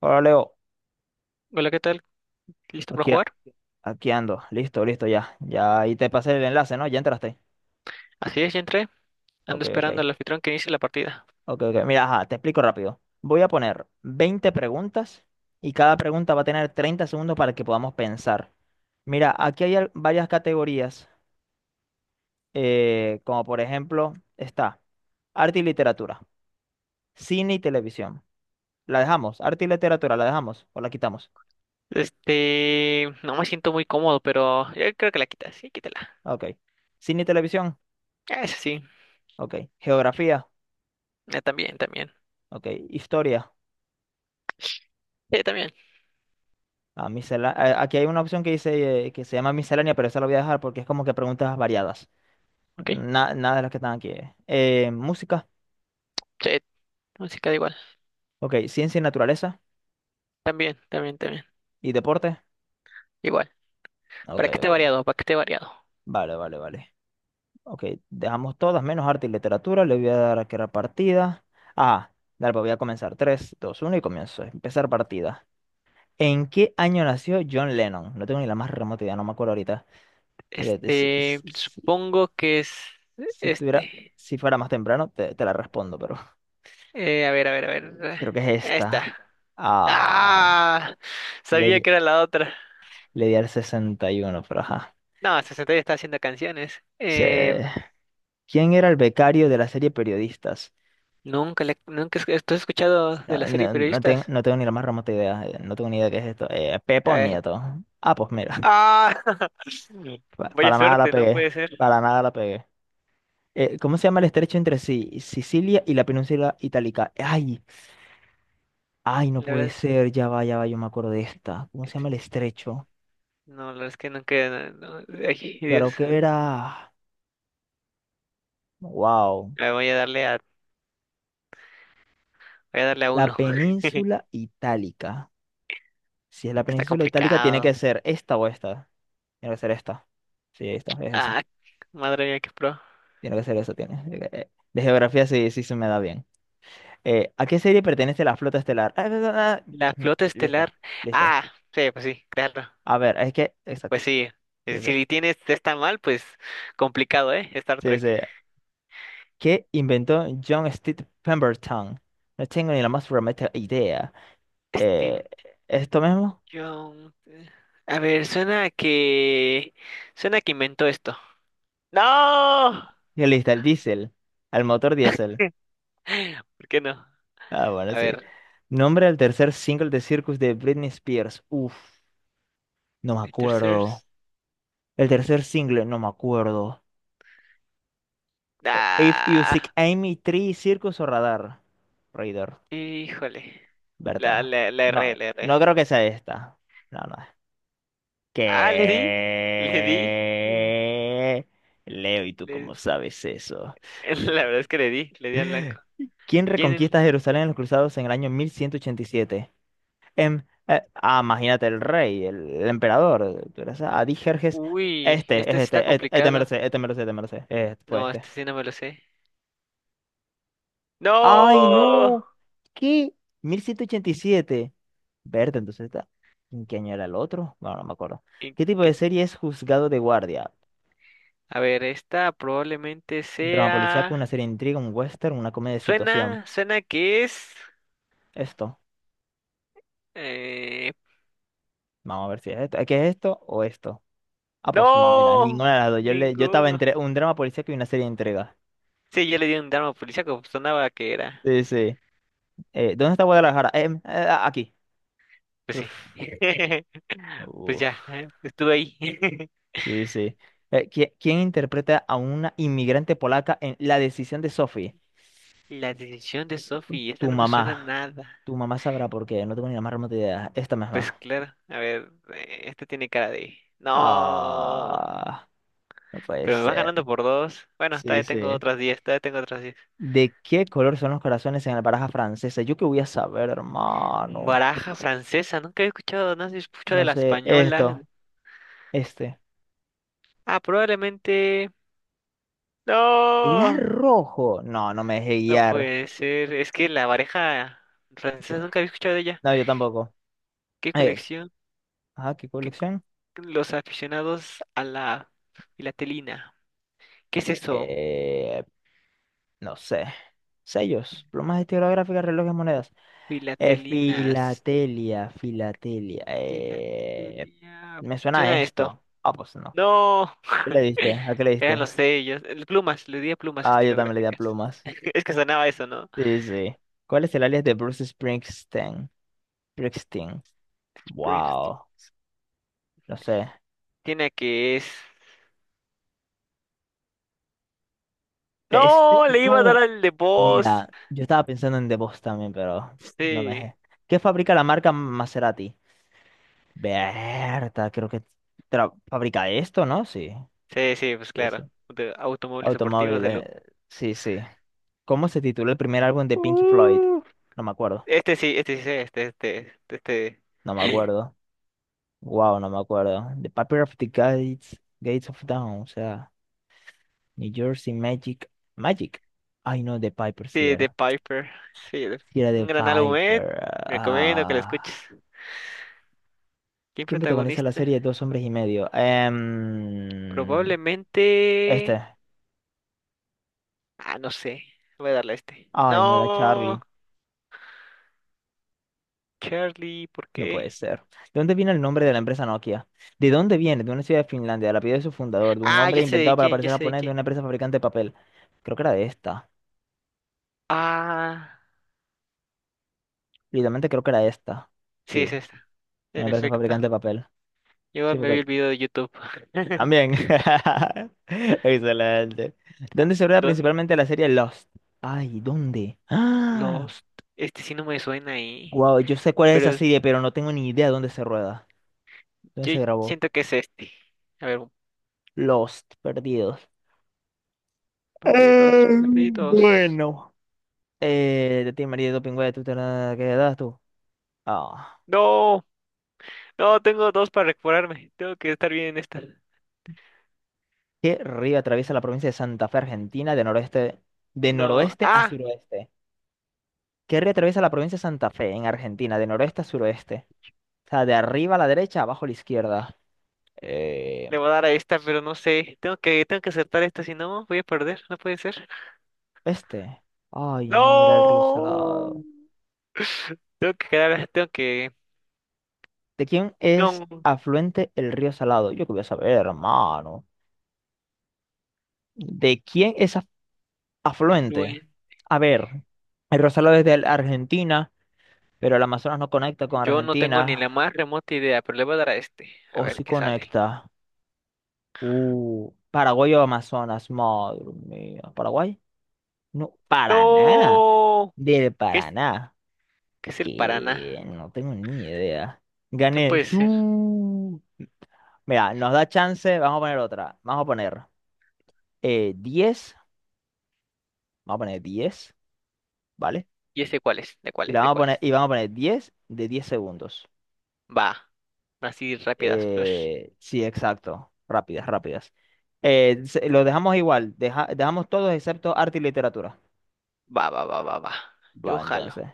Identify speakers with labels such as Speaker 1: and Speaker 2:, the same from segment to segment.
Speaker 1: Hola Leo,
Speaker 2: Hola, ¿qué tal? ¿Listo para
Speaker 1: aquí, a-
Speaker 2: jugar?
Speaker 1: aquí ando, listo, listo ya, ya ahí te pasé el enlace, ¿no? Ya entraste.
Speaker 2: Así es, ya entré. Ando
Speaker 1: Ok, ok,
Speaker 2: esperando al anfitrión que inicie la partida.
Speaker 1: ok, ok. Mira, ajá, te explico rápido. Voy a poner 20 preguntas y cada pregunta va a tener 30 segundos para que podamos pensar. Mira, aquí hay varias categorías, como por ejemplo está arte y literatura, cine y televisión. ¿La dejamos? ¿Arte y literatura la dejamos o la quitamos?
Speaker 2: No me siento muy cómodo, pero yo creo que la quitas. Sí, quítala.
Speaker 1: Ok. ¿Cine y televisión?
Speaker 2: Ah, eso sí.
Speaker 1: Ok. ¿Geografía?
Speaker 2: Ah, también, también.
Speaker 1: Ok. ¿Historia?
Speaker 2: Sí, también.
Speaker 1: Ah, aquí hay una opción que dice que se llama miscelánea, pero esa la voy a dejar porque es como que preguntas variadas.
Speaker 2: Ok.
Speaker 1: Nada de las que están aquí. Música,
Speaker 2: Sí, música da igual.
Speaker 1: ok. Ciencia y naturaleza
Speaker 2: También, también, también.
Speaker 1: y deporte.
Speaker 2: Igual.
Speaker 1: Ok,
Speaker 2: Para que esté
Speaker 1: ok.
Speaker 2: variado, para que esté variado.
Speaker 1: Vale, vale, vale. Ok, dejamos todas menos arte y literatura. Le voy a dar a crear partida. Ah, dale, pues voy a comenzar. Tres, dos, uno y comienzo. Empezar partida. ¿En qué año nació John Lennon? No tengo ni la más remota idea, no me acuerdo ahorita. Eh, Si, si- si-
Speaker 2: Supongo que es
Speaker 1: si estuviera,
Speaker 2: este.
Speaker 1: si fuera más temprano, te la respondo, pero.
Speaker 2: A ver, a ver, a ver.
Speaker 1: Creo que es
Speaker 2: Esta.
Speaker 1: esta. Ah,
Speaker 2: ¡Ah!
Speaker 1: le,
Speaker 2: Sabía
Speaker 1: di-
Speaker 2: que era la otra.
Speaker 1: le di al 61, pero ajá.
Speaker 2: No, 60 ya está haciendo canciones.
Speaker 1: Se- ¿Quién era el becario de la serie Periodistas?
Speaker 2: Nunca escuchado de
Speaker 1: No,
Speaker 2: la serie
Speaker 1: no,
Speaker 2: Periodistas.
Speaker 1: no tengo ni la más remota idea. No tengo ni idea qué es esto.
Speaker 2: A
Speaker 1: Pepo
Speaker 2: ver.
Speaker 1: Nieto. Ah, pues mira.
Speaker 2: ¡Ah! Vaya
Speaker 1: Para nada la
Speaker 2: suerte, no
Speaker 1: pegué.
Speaker 2: puede ser.
Speaker 1: Para nada la pegué. ¿Cómo se llama el estrecho entre sí? Sicilia y la península itálica. Ay, ay, no
Speaker 2: La verdad
Speaker 1: puede
Speaker 2: es,
Speaker 1: ser. Ya va, yo me acuerdo de esta. ¿Cómo se llama
Speaker 2: este,
Speaker 1: el estrecho?
Speaker 2: no, la verdad es que nunca. No, no, ay, Dios.
Speaker 1: Creo que era. Wow.
Speaker 2: A voy a darle a, Voy a darle a
Speaker 1: La
Speaker 2: uno. que
Speaker 1: península itálica. Si es la
Speaker 2: Está
Speaker 1: península itálica, tiene que
Speaker 2: complicado.
Speaker 1: ser esta o esta. Tiene que ser esta. Sí, esta, es esa.
Speaker 2: Ah, madre mía, qué pro.
Speaker 1: Tiene que ser esa, tiene. De geografía sí, sí se me da bien. ¿A qué serie pertenece la flota estelar? Ah, ah, ah,
Speaker 2: La
Speaker 1: ah.
Speaker 2: flota
Speaker 1: Listo,
Speaker 2: estelar.
Speaker 1: listo.
Speaker 2: Ah, sí, pues sí, claro.
Speaker 1: A ver, es que. Exacto.
Speaker 2: Pues sí.
Speaker 1: Sí, sí.
Speaker 2: Si tienes está mal, pues complicado, ¿eh? Star
Speaker 1: Sí, sí.
Speaker 2: Trek.
Speaker 1: ¿Qué inventó John Steve Pemberton? No tengo ni la más remota idea. Eh, ¿Esto mismo?
Speaker 2: John. A ver, suena a que. Suena a que inventó esto. ¡No!
Speaker 1: Y listo, el diésel. Al motor diésel.
Speaker 2: ¿Qué? ¿Por qué no?
Speaker 1: Ah, bueno,
Speaker 2: A
Speaker 1: sí.
Speaker 2: ver.
Speaker 1: Nombre del tercer single de Circus de Britney Spears. Uf, no me acuerdo.
Speaker 2: Tercers.
Speaker 1: El tercer single, no me acuerdo. If You Seek
Speaker 2: ¡Ah!
Speaker 1: Amy, Tree, Circus o Radar. Radar,
Speaker 2: Híjole.
Speaker 1: ¿verdad?
Speaker 2: La
Speaker 1: No,
Speaker 2: erré, la
Speaker 1: no
Speaker 2: erré.
Speaker 1: creo que sea esta. No, no.
Speaker 2: Ah, le di. Le di.
Speaker 1: ¿Qué? Leo, ¿y tú
Speaker 2: le-
Speaker 1: cómo sabes eso?
Speaker 2: La verdad es que le di. Le di al blanco.
Speaker 1: ¿Quién
Speaker 2: ¿Quién?
Speaker 1: reconquista Jerusalén en los cruzados en el año 1187? Ah, imagínate el rey, el emperador. Tú eres Adijerjes.
Speaker 2: Uy,
Speaker 1: Este, es
Speaker 2: este sí está
Speaker 1: este, este, este
Speaker 2: complicado.
Speaker 1: merced, este merced, este merced. Fue
Speaker 2: No,
Speaker 1: este.
Speaker 2: este sí no me lo sé.
Speaker 1: ¡Ay,
Speaker 2: ¡No!
Speaker 1: no! ¿Qué? 1187. Verde, entonces está. ¿En qué año era el otro? Bueno, no me acuerdo.
Speaker 2: ¿Y
Speaker 1: ¿Qué tipo
Speaker 2: qué-
Speaker 1: de serie es Juzgado de Guardia?
Speaker 2: A ver, esta probablemente
Speaker 1: Drama policíaco, una
Speaker 2: sea.
Speaker 1: serie de intriga, un western, una comedia de situación.
Speaker 2: Suena, suena que es.
Speaker 1: Esto.
Speaker 2: eh,
Speaker 1: Vamos a ver si es esto. ¿Qué es esto o esto? Ah, pues no, mira,
Speaker 2: ¡No!
Speaker 1: ninguna de las dos. Yo, le, yo estaba
Speaker 2: Ninguno.
Speaker 1: entre un drama policíaco y una serie de intriga.
Speaker 2: Sí, yo le di un drama policíaco, pues, sonaba que era.
Speaker 1: Sí, sí. ¿Dónde está Guadalajara? Ah, aquí.
Speaker 2: Pues
Speaker 1: Uf,
Speaker 2: sí. Pues
Speaker 1: uf.
Speaker 2: ya, estuve ahí.
Speaker 1: Sí, sí. ¿Quién interpreta a una inmigrante polaca en La decisión de Sophie?
Speaker 2: La decisión de Sophie, esta
Speaker 1: Tu
Speaker 2: no me suena a
Speaker 1: mamá.
Speaker 2: nada.
Speaker 1: Tu mamá sabrá por qué, no tengo ni la más remota idea. Esta
Speaker 2: Pues
Speaker 1: misma.
Speaker 2: claro, a ver, esta tiene cara de. ¡No!
Speaker 1: Ah, no puede
Speaker 2: Pero me vas
Speaker 1: ser.
Speaker 2: ganando por dos. Bueno,
Speaker 1: Sí,
Speaker 2: todavía tengo
Speaker 1: sí.
Speaker 2: otras 10, todavía tengo otras 10.
Speaker 1: ¿De qué color son los corazones en la baraja francesa? Yo qué voy a saber, hermano.
Speaker 2: Baraja francesa, nunca he escuchado, no se escuchado
Speaker 1: No
Speaker 2: de la
Speaker 1: sé,
Speaker 2: española.
Speaker 1: esto, este.
Speaker 2: Ah, probablemente.
Speaker 1: ¿Era
Speaker 2: ¡No!
Speaker 1: rojo? No, no me dejé
Speaker 2: No
Speaker 1: guiar.
Speaker 2: puede ser. Es que la pareja francesa nunca había escuchado de ella.
Speaker 1: No, yo tampoco.
Speaker 2: ¿Qué
Speaker 1: Eh,
Speaker 2: colección?
Speaker 1: Ajá, ¿qué
Speaker 2: ¿Qué co-
Speaker 1: colección?
Speaker 2: ¿Los aficionados a la filatelina? ¿Qué es eso?
Speaker 1: Eh, no sé. Sellos, plumas estilográficas, relojes, monedas.
Speaker 2: Filatelinas.
Speaker 1: Filatelia, filatelia.
Speaker 2: Filatelia.
Speaker 1: Me suena a
Speaker 2: Suena a esto.
Speaker 1: esto. Ah, pues no.
Speaker 2: No.
Speaker 1: ¿Qué le diste? ¿A qué le
Speaker 2: Eran
Speaker 1: diste?
Speaker 2: los sellos. Plumas. Le di a plumas
Speaker 1: Ah, yo también le di a
Speaker 2: estilográficas.
Speaker 1: plumas.
Speaker 2: Es que sonaba eso, ¿no?
Speaker 1: Sí, sí. ¿Cuál es el alias de Bruce Springsteen? Springsteen.
Speaker 2: Springsteen.
Speaker 1: Wow. No sé.
Speaker 2: Tiene que es.
Speaker 1: Este,
Speaker 2: No, le iba a dar
Speaker 1: no.
Speaker 2: al de voz.
Speaker 1: Mira, yo estaba pensando en The Boss también, pero no me
Speaker 2: Sí.
Speaker 1: dejé. ¿Qué fabrica la marca Maserati? Berta, creo que fabrica esto, ¿no? Sí,
Speaker 2: Sí, sí, pues
Speaker 1: sí, sí.
Speaker 2: claro. De automóviles deportivos.
Speaker 1: Automóviles, sí, sí. ¿Cómo se titula el primer álbum de Pink Floyd?
Speaker 2: Uh,
Speaker 1: No me acuerdo,
Speaker 2: este sí, este sí, sé, este, este, este,
Speaker 1: no me
Speaker 2: este.
Speaker 1: acuerdo. Wow, no me acuerdo. The Paper of the Gates, Gates of Dawn, o sea, New Jersey Magic, Magic. Ay, no, The Piper, sí
Speaker 2: Sí, de
Speaker 1: era.
Speaker 2: Piper. Sí,
Speaker 1: Sí era The
Speaker 2: un gran álbum, eh.
Speaker 1: Piper.
Speaker 2: Recomiendo que lo
Speaker 1: Ah.
Speaker 2: escuches. ¿Quién
Speaker 1: ¿Quién protagoniza la
Speaker 2: protagonista?
Speaker 1: serie Dos hombres y medio? Este.
Speaker 2: Probablemente. Ah, no sé. Voy a darle a este.
Speaker 1: Ay, no era
Speaker 2: No,
Speaker 1: Charlie.
Speaker 2: Charlie, ¿por
Speaker 1: No puede
Speaker 2: qué?
Speaker 1: ser. ¿De dónde viene el nombre de la empresa Nokia? ¿De dónde viene? De una ciudad de Finlandia, del apellido de su fundador, de un
Speaker 2: Ah,
Speaker 1: hombre
Speaker 2: ya sé
Speaker 1: inventado
Speaker 2: de
Speaker 1: para
Speaker 2: quién, ya
Speaker 1: parecer
Speaker 2: sé de
Speaker 1: japonés, de
Speaker 2: quién.
Speaker 1: una empresa fabricante de papel. Creo que era de esta.
Speaker 2: Ah,
Speaker 1: Literalmente creo que era esta. Sí,
Speaker 2: sí, es
Speaker 1: de
Speaker 2: esta.
Speaker 1: una
Speaker 2: En
Speaker 1: empresa
Speaker 2: efecto.
Speaker 1: fabricante de papel.
Speaker 2: Yo
Speaker 1: Sí,
Speaker 2: me vi
Speaker 1: porque...
Speaker 2: el video de YouTube.
Speaker 1: También. Excelente. ¿Dónde se rueda
Speaker 2: Don
Speaker 1: principalmente la serie Lost? Ay, ¿dónde? ¡Ah!
Speaker 2: Lost. Este sí no me suena ahí.
Speaker 1: Wow, yo sé cuál es esa
Speaker 2: Pero
Speaker 1: serie, pero no tengo ni idea dónde se rueda. ¿Dónde
Speaker 2: Yo
Speaker 1: se grabó?
Speaker 2: siento que es este. A ver.
Speaker 1: Lost, perdidos.
Speaker 2: Perritos, perritos.
Speaker 1: Bueno. De ti, María de Dopingüe, tú te la quedas tú. Ah.
Speaker 2: No, no, tengo dos para recuperarme. Tengo que estar bien en esta.
Speaker 1: ¿Qué río atraviesa la provincia de Santa Fe, Argentina, de
Speaker 2: No,
Speaker 1: noroeste a
Speaker 2: ah,
Speaker 1: suroeste? ¿Qué río atraviesa la provincia de Santa Fe, en Argentina, de noroeste a suroeste? O sea, de arriba a la derecha, abajo a la izquierda. Eh,
Speaker 2: Le voy a dar a esta, pero no sé. Tengo que aceptar esta, si no, voy a perder. No puede ser.
Speaker 1: este. Ay, no, era el río
Speaker 2: No,
Speaker 1: Salado.
Speaker 2: Tengo que quedar, tengo que.
Speaker 1: ¿De quién es
Speaker 2: No,
Speaker 1: afluente el río Salado? Yo qué voy a saber, hermano. ¿De quién es afluente?
Speaker 2: afluente.
Speaker 1: A ver, el río Salado es de Argentina. Pero el Amazonas no conecta con
Speaker 2: Yo no tengo ni la
Speaker 1: Argentina.
Speaker 2: más remota idea, pero le voy a dar a este. A
Speaker 1: O
Speaker 2: ver
Speaker 1: sí
Speaker 2: qué sale.
Speaker 1: conecta. Paraguay o Amazonas. Madre mía. ¿Paraguay? No, Paraná.
Speaker 2: No,
Speaker 1: Del
Speaker 2: ¿qué es,
Speaker 1: Paraná.
Speaker 2: qué es el
Speaker 1: Que
Speaker 2: Paraná?
Speaker 1: no tengo ni idea.
Speaker 2: No
Speaker 1: Gané.
Speaker 2: puede ser.
Speaker 1: Su. Mira, nos da chance. Vamos a poner otra. Vamos a poner 10. Vamos a poner 10. ¿Vale?
Speaker 2: ¿Y ese cuál es? ¿De cuál
Speaker 1: Y la
Speaker 2: es? ¿De
Speaker 1: vamos a
Speaker 2: cuál
Speaker 1: poner,
Speaker 2: es?
Speaker 1: y vamos a poner 10 de 10 segundos.
Speaker 2: Va. Así rápidas, flush.
Speaker 1: Sí, exacto. Rápidas, rápidas. Lo dejamos igual. Dejamos todos excepto arte y literatura.
Speaker 2: Va, va, va, va, va.
Speaker 1: Va,
Speaker 2: Yo jalo.
Speaker 1: entonces.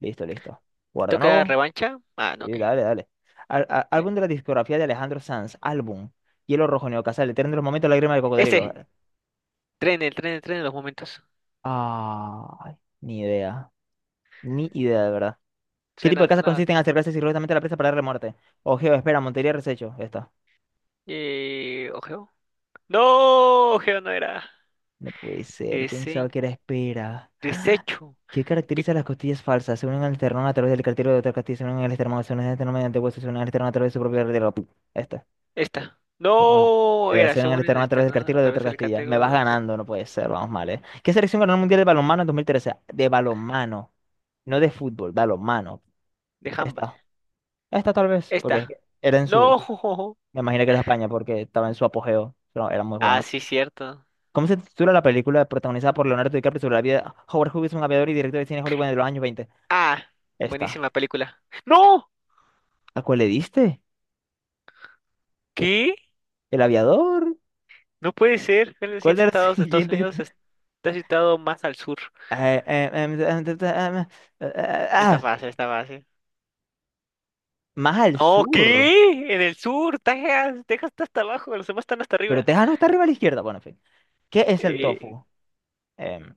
Speaker 1: Listo, listo.
Speaker 2: ¿Le
Speaker 1: Guarda
Speaker 2: toca
Speaker 1: nuevo.
Speaker 2: revancha? Ah, no, ok.
Speaker 1: Sí, dale, dale.
Speaker 2: Eh,
Speaker 1: Álbum de la discografía de Alejandro Sanz. Álbum. Hielo Rojo, Neocasal, Eterno de los Momentos, Lágrima de Cocodrilo.
Speaker 2: Ese. Tren, el tren, el tren en los momentos.
Speaker 1: Ay, ni idea. Ni idea, de verdad. ¿Qué tipo de
Speaker 2: Suena,
Speaker 1: casas
Speaker 2: suena.
Speaker 1: consiste en acercarse sigilosamente a la presa para darle muerte? Ojeo, espera, Montería, Resecho. Esta.
Speaker 2: Ojeo. No, ojeo no era.
Speaker 1: No puede ser. Pensaba
Speaker 2: Ese.
Speaker 1: que era espera.
Speaker 2: Desecho.
Speaker 1: ¿Qué
Speaker 2: ¿Qué?
Speaker 1: caracteriza las costillas falsas? Se unen al esternón a través del cartílago de otra costilla, se unen al esternón, se unen al esternón mediante huesos, se unen al esternón a través de su propia arteria. Esta.
Speaker 2: Esta.
Speaker 1: No tengo ni
Speaker 2: No,
Speaker 1: idea.
Speaker 2: era,
Speaker 1: Se unen al
Speaker 2: según en
Speaker 1: esternón a
Speaker 2: esta,
Speaker 1: través del
Speaker 2: ¿no? A
Speaker 1: cartílago de otra
Speaker 2: través del
Speaker 1: costilla. Me
Speaker 2: catego
Speaker 1: vas
Speaker 2: de otra.
Speaker 1: ganando, no puede ser, vamos mal, ¿eh? ¿Qué selección ganó el Mundial de Balonmano en 2013? De balonmano, no de fútbol, balonmano.
Speaker 2: De handball.
Speaker 1: Esta. Esta tal vez, porque es
Speaker 2: Esta.
Speaker 1: que era en su...
Speaker 2: No.
Speaker 1: Me imagino que era España, porque estaba en su apogeo, pero era muy
Speaker 2: Ah,
Speaker 1: bueno.
Speaker 2: sí, cierto.
Speaker 1: ¿Cómo se titula la película protagonizada por Leonardo DiCaprio sobre la vida de Howard Hughes, un aviador y director de cine Hollywood de los años 20?
Speaker 2: Ah,
Speaker 1: Esta.
Speaker 2: buenísima película. ¡No!
Speaker 1: ¿A cuál le diste?
Speaker 2: ¿Qué?
Speaker 1: ¿El aviador?
Speaker 2: No puede ser. Uno de los 100
Speaker 1: ¿Cuál era
Speaker 2: estados
Speaker 1: el
Speaker 2: de Estados
Speaker 1: siguiente?
Speaker 2: Unidos está situado más al sur.
Speaker 1: Eh, eh, em, em, em, em,
Speaker 2: Está
Speaker 1: ah,
Speaker 2: fácil, está fácil.
Speaker 1: más al
Speaker 2: No,
Speaker 1: sur.
Speaker 2: ¿qué? En el sur, Texas. Texas está hasta abajo, los demás están hasta
Speaker 1: Pero
Speaker 2: arriba.
Speaker 1: Texas no está arriba a la izquierda. Bueno, en fin. ¿Qué es el
Speaker 2: Eh,
Speaker 1: tofu? Em,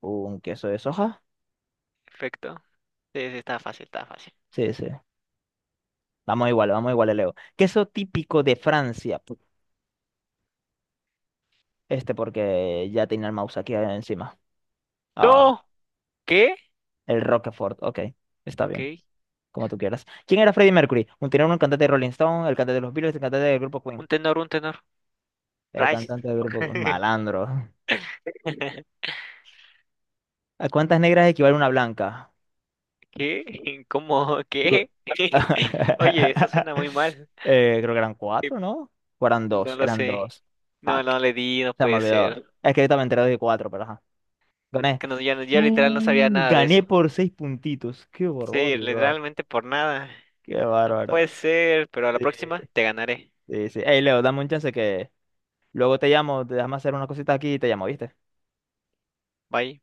Speaker 1: ¿Un queso de soja?
Speaker 2: Perfecto. Sí, sí, está fácil, está fácil.
Speaker 1: Sí, sí. Vamos igual, Leo. Queso típico de Francia. Pu- Este porque ya tenía el mouse aquí encima. Ah,
Speaker 2: No, ¿qué?
Speaker 1: el Roquefort. Ok, está bien.
Speaker 2: Ok,
Speaker 1: Como tú quieras. ¿Quién era Freddie Mercury? Un tenor, un cantante de Rolling Stone, el cantante de los Beatles, el cantante del grupo Queen.
Speaker 2: un tenor, un tenor.
Speaker 1: El
Speaker 2: Rice.
Speaker 1: cantante del grupo Malandro. ¿A cuántas negras equivale una blanca?
Speaker 2: ¿Qué? ¿Cómo?
Speaker 1: Figu-
Speaker 2: ¿Qué? Oye, eso suena muy mal.
Speaker 1: Creo que eran
Speaker 2: Eh,
Speaker 1: cuatro, ¿no? O eran
Speaker 2: No
Speaker 1: dos,
Speaker 2: lo
Speaker 1: eran
Speaker 2: sé.
Speaker 1: dos.
Speaker 2: No,
Speaker 1: Fuck,
Speaker 2: no le di, no
Speaker 1: se me
Speaker 2: puede
Speaker 1: olvidó.
Speaker 2: ser.
Speaker 1: Es que yo también enteré de cuatro, pero ajá. Gané.
Speaker 2: Que no. Ya literal no sabía nada de
Speaker 1: Gané
Speaker 2: eso.
Speaker 1: por seis puntitos. Qué
Speaker 2: Sí,
Speaker 1: barbaridad, bro.
Speaker 2: literalmente por nada.
Speaker 1: Qué
Speaker 2: No
Speaker 1: bárbaro.
Speaker 2: puede ser, pero a
Speaker 1: Sí,
Speaker 2: la próxima te ganaré.
Speaker 1: sí, sí. Ey, Leo, dame un chance que luego te llamo, te déjame hacer unas cositas aquí y te llamo, ¿viste?
Speaker 2: Bye.